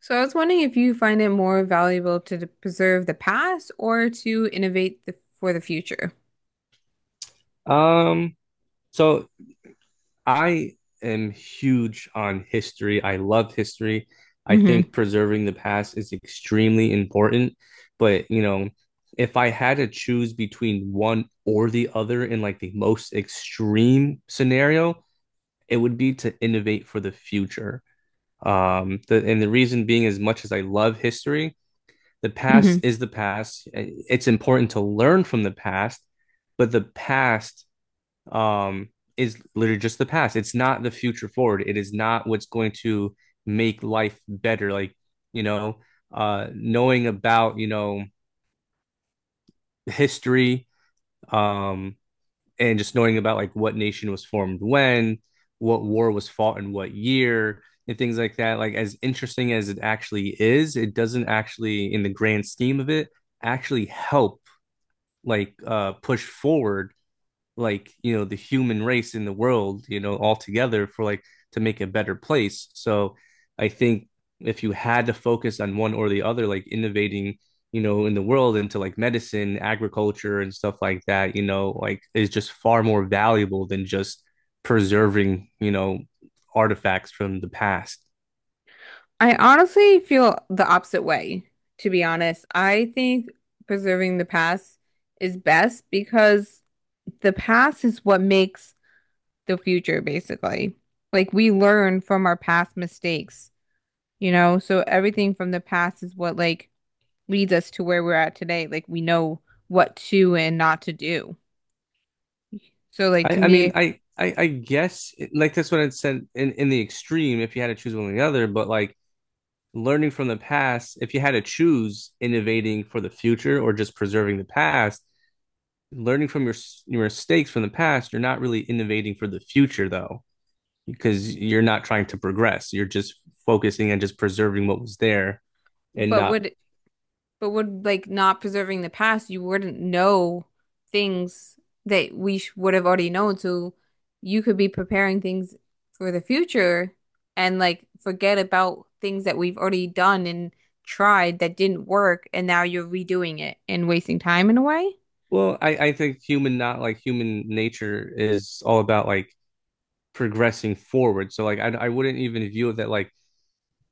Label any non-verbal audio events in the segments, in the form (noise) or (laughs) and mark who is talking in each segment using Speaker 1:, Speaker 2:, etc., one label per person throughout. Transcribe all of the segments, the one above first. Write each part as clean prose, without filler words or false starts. Speaker 1: So I was wondering if you find it more valuable to preserve the past or to innovate for the future.
Speaker 2: Um, so I am huge on history. I love history. I
Speaker 1: hmm
Speaker 2: think preserving the past is extremely important. But, you know, if I had to choose between one or the other in like the most extreme scenario, it would be to innovate for the future. And the reason being, as much as I love history, the past
Speaker 1: hmm
Speaker 2: is the past. It's important to learn from the past, but the past um, is literally just the past. It's not the future forward. It is not what's going to make life better. Like, you know, knowing about, you know, history, um, and just knowing about like what nation was formed when, what war was fought in what year, and things like that. Like, as interesting as it actually is, it doesn't actually, in the grand scheme of it, actually help like push forward like you know the human race in the world, you know, all together for like to make a better place. So I think if you had to focus on one or the other, like innovating, you know, in the world into like medicine, agriculture and stuff like that, you know, like is just far more valuable than just preserving, you know, artifacts from the past.
Speaker 1: I honestly feel the opposite way, to be honest. I think preserving the past is best because the past is what makes the future, basically. Like we learn from our past mistakes, you know? So everything from the past is what leads us to where we're at today. Like we know what to and not to do. So like
Speaker 2: i
Speaker 1: to
Speaker 2: i
Speaker 1: me,
Speaker 2: mean i i, i, guess like that's what it said in the extreme, if you had to choose one or the other, but like learning from the past, if you had to choose innovating for the future or just preserving the past, learning from your mistakes from the past, you're not really innovating for the future though, because you're not trying to progress. You're just focusing on just preserving what was there and
Speaker 1: But
Speaker 2: not.
Speaker 1: would but would like not preserving the past, you wouldn't know things that we sh would have already known. So you could be preparing things for the future and like forget about things that we've already done and tried that didn't work, and now you're redoing it and wasting time in a way.
Speaker 2: Well, I think human, not like human nature is all about like progressing forward. So like I wouldn't even view it that like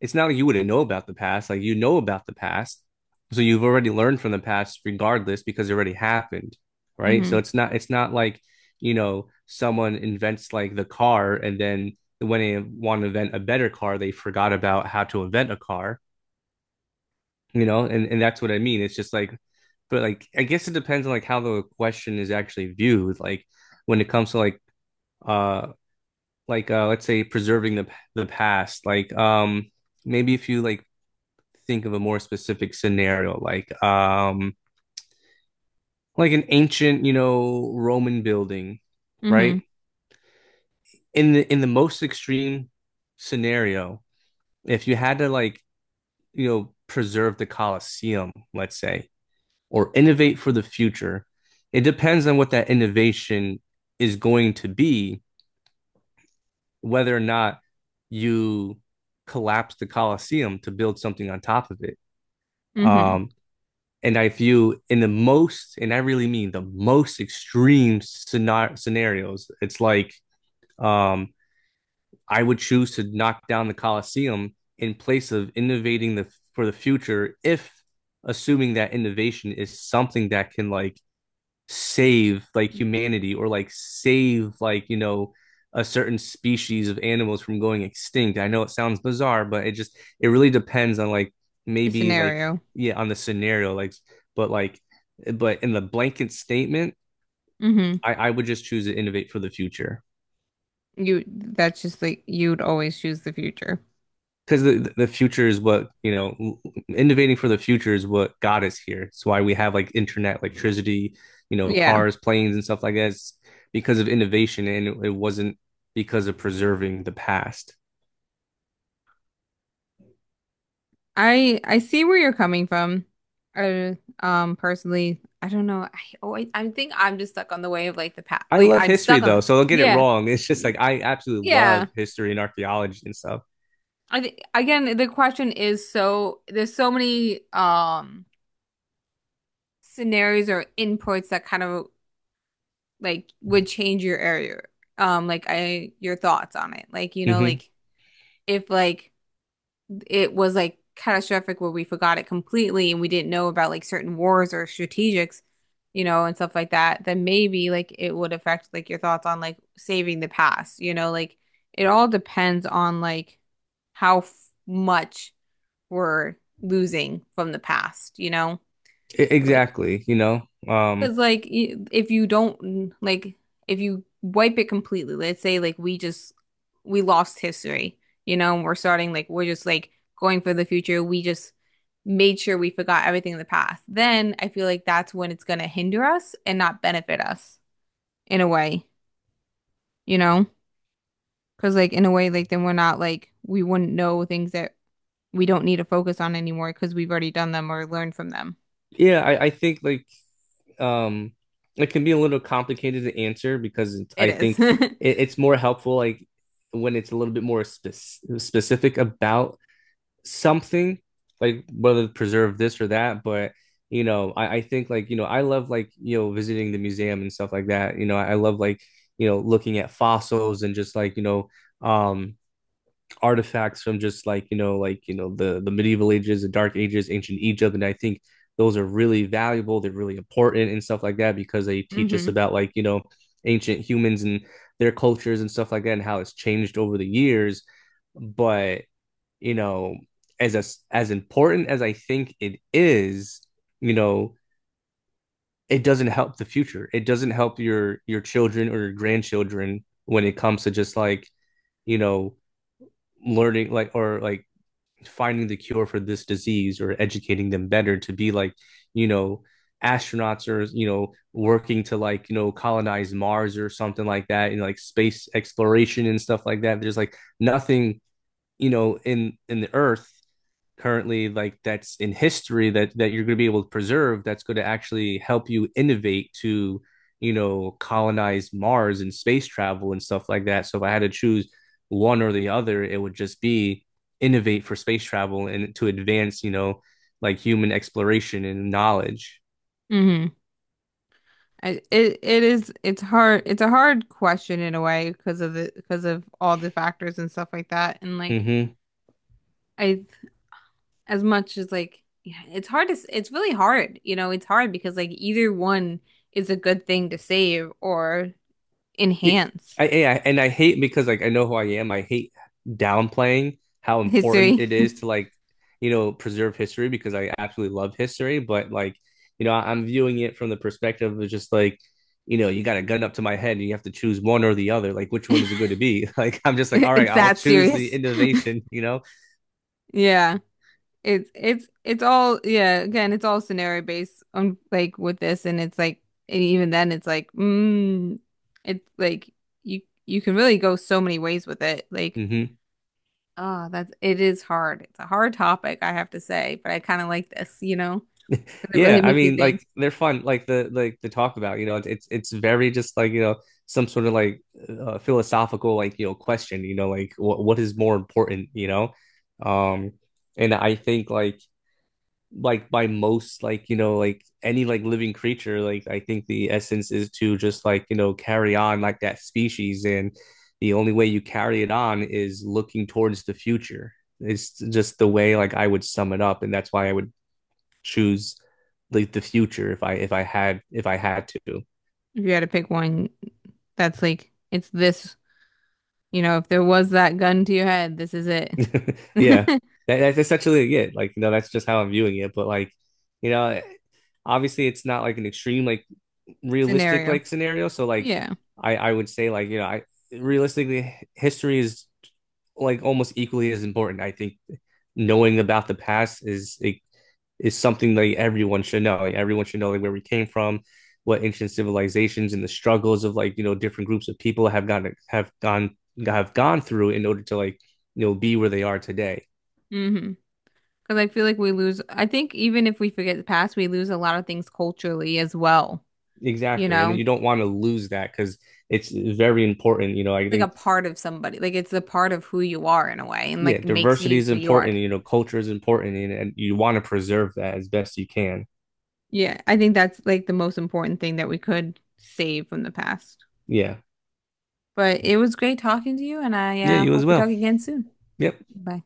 Speaker 2: it's not like you wouldn't know about the past. Like you know about the past. So you've already learned from the past regardless because it already happened. Right.
Speaker 1: Mm-hmm.
Speaker 2: So it's not like, you know, someone invents like the car and then when they want to invent a better car, they forgot about how to invent a car, you know, and that's what I mean. It's just like, but like I guess it depends on like how the question is actually viewed. Like when it comes to uh like let's say preserving the past, like maybe if you like think of a more specific scenario, like an ancient, you know, Roman building,
Speaker 1: Mm-hmm.
Speaker 2: right? In the most extreme scenario, if you had to like, you know, preserve the Colosseum, let's say, or innovate for the future, it depends on what that innovation is going to be, whether or not you collapse the Colosseum to build something on top of it.
Speaker 1: Mm-hmm.
Speaker 2: Um, and I view in the most, and I really mean the most extreme scenarios, it's like um, I would choose to knock down the Colosseum in place of innovating the for the future if, assuming that innovation is something that can like save like humanity or like save, like, you know, a certain species of animals from going extinct. I know it sounds bizarre, but it just it really depends on like
Speaker 1: The
Speaker 2: maybe like,
Speaker 1: scenario.
Speaker 2: yeah, on the scenario. Like, but like, but in the blanket statement,
Speaker 1: Mm-hmm.
Speaker 2: I would just choose to innovate for the future.
Speaker 1: You, that's just like you'd always choose the future.
Speaker 2: Because the future is what, you know, innovating for the future is what got us here. It's why we have like internet, electricity, you know,
Speaker 1: Yeah.
Speaker 2: cars, planes and stuff like that. It's because of innovation, and it wasn't because of preserving the past.
Speaker 1: I see where you're coming from. I personally, I don't know. I think I'm just stuck on the way of like the past.
Speaker 2: I
Speaker 1: Like
Speaker 2: love
Speaker 1: I'm
Speaker 2: history
Speaker 1: stuck on
Speaker 2: though,
Speaker 1: the—
Speaker 2: so don't get it
Speaker 1: Yeah.
Speaker 2: wrong. It's just like I absolutely
Speaker 1: Yeah.
Speaker 2: love history and archaeology and stuff.
Speaker 1: I think again the question is, so there's so many scenarios or inputs that kind of like would change your area. Um, like I— your thoughts on it. Like, you know,
Speaker 2: Hmm
Speaker 1: like if like it was like catastrophic where we forgot it completely and we didn't know about like certain wars or strategics, you know, and stuff like that, then maybe like it would affect like your thoughts on like saving the past, you know, like it all depends on like how f much we're losing from the past, you know? Like,
Speaker 2: exactly, you know. um
Speaker 1: because like if you don't, like if you wipe it completely, let's say like we just we lost history, you know, and we're starting like we're just like going for the future. We just made sure we forgot everything in the past. Then I feel like that's when it's gonna hinder us and not benefit us in a way, you know? Because like in a way, like then we're not like we wouldn't know things that we don't need to focus on anymore because we've already done them or learned from them.
Speaker 2: yeah, I think like um it can be a little complicated to answer, because it's,
Speaker 1: It
Speaker 2: I
Speaker 1: is.
Speaker 2: think
Speaker 1: (laughs)
Speaker 2: it's more helpful like when it's a little bit more specific about something, like whether to preserve this or that. But, you know, I think like, you know, I love like, you know, visiting the museum and stuff like that, you know, I love like, you know, looking at fossils and just like, you know, um artifacts from, just like, you know, like, you know, the medieval ages, the dark ages, ancient Egypt. And I think those are really valuable. They're really important and stuff like that, because they teach us
Speaker 1: Mm-hmm.
Speaker 2: about, like, you know, ancient humans and their cultures and stuff like that, and how it's changed over the years. But, you know, as important as I think it is, you know, it doesn't help the future. It doesn't help your children or your grandchildren when it comes to just like, you know, learning like or like finding the cure for this disease, or educating them better to be like, you know, astronauts or, you know, working to like, you know, colonize Mars or something like that. You know, like space exploration and stuff like that. There's like nothing, you know, in the earth currently, like that's in history, that you're going to be able to preserve, that's going to actually help you innovate to, you know, colonize Mars and space travel and stuff like that. So if I had to choose one or the other, it would just be innovate for space travel and to advance, you know, like human exploration and knowledge.
Speaker 1: Mm-hmm. It is, it's hard, it's a hard question in a way because of the— because of all the factors and stuff like that, and like
Speaker 2: Mm-hmm.
Speaker 1: I— as much as like, yeah, it's hard to it's really hard, you know, it's hard because like either one is a good thing to save or
Speaker 2: It,
Speaker 1: enhance
Speaker 2: I and I hate, because like I know who I am. I hate downplaying how important
Speaker 1: history.
Speaker 2: it is to like, you know, preserve history, because I absolutely love history. But like, you know, I am viewing it from the perspective of just like, you know, you got a gun up to my head and you have to choose one or the other. Like, which one is it going
Speaker 1: (laughs)
Speaker 2: to be? (laughs) Like, I'm just like, all right,
Speaker 1: It's
Speaker 2: I'll
Speaker 1: that
Speaker 2: choose the
Speaker 1: serious.
Speaker 2: innovation. You know.
Speaker 1: Yeah. It's all Yeah, again, it's all scenario based on like with this, and it's like— and even then it's like, mm, it's like you— you can really go so many ways with it. Like,
Speaker 2: Hmm.
Speaker 1: oh, that's— it is hard. It's a hard topic, I have to say, but I kind of like this, you know, because it
Speaker 2: Yeah,
Speaker 1: really
Speaker 2: I
Speaker 1: makes you
Speaker 2: mean, like
Speaker 1: think.
Speaker 2: they're fun, like the talk about, you know, it's very just like, you know, some sort of like philosophical like, you know, question, you know, like what is more important, you know, um, and I think like by most like, you know, like any like living creature, like I think the essence is to just like, you know, carry on like that species. And the only way you carry it on is looking towards the future. It's just the way like I would sum it up, and that's why I would choose like the future if I had if I had to.
Speaker 1: If you had to pick one, that's like it's this, you know, if there was that gun to your head, this is it.
Speaker 2: (laughs) Yeah.
Speaker 1: (laughs)
Speaker 2: That, that's essentially it. Like, you know, that's just how I'm viewing it. But like, you know, obviously it's not like an extreme like realistic
Speaker 1: Scenario.
Speaker 2: like scenario. So like
Speaker 1: Yeah.
Speaker 2: I would say like, you know, I realistically history is like almost equally as important. I think knowing about the past is, it is something that everyone should know. Like, everyone should know like where we came from, what ancient civilizations and the struggles of like, you know, different groups of people have gone through in order to like, you know, be where they are today.
Speaker 1: Hmm. Because I feel like we lose, I think even if we forget the past, we lose a lot of things culturally as well, you
Speaker 2: Exactly, and
Speaker 1: know?
Speaker 2: you don't want to lose that because it's very important. You know, I
Speaker 1: Like a
Speaker 2: think,
Speaker 1: part of somebody, like it's a part of who you are in a way and
Speaker 2: yeah,
Speaker 1: like makes
Speaker 2: diversity
Speaker 1: you
Speaker 2: is
Speaker 1: who you are.
Speaker 2: important. You know, culture is important, and you want to preserve that as best you can.
Speaker 1: Yeah, I think that's like the most important thing that we could save from the past.
Speaker 2: Yeah,
Speaker 1: But it was great talking to you, and I
Speaker 2: yeah,
Speaker 1: uh,
Speaker 2: you as
Speaker 1: hope we talk
Speaker 2: well.
Speaker 1: again soon.
Speaker 2: Yep. Bye.
Speaker 1: Bye.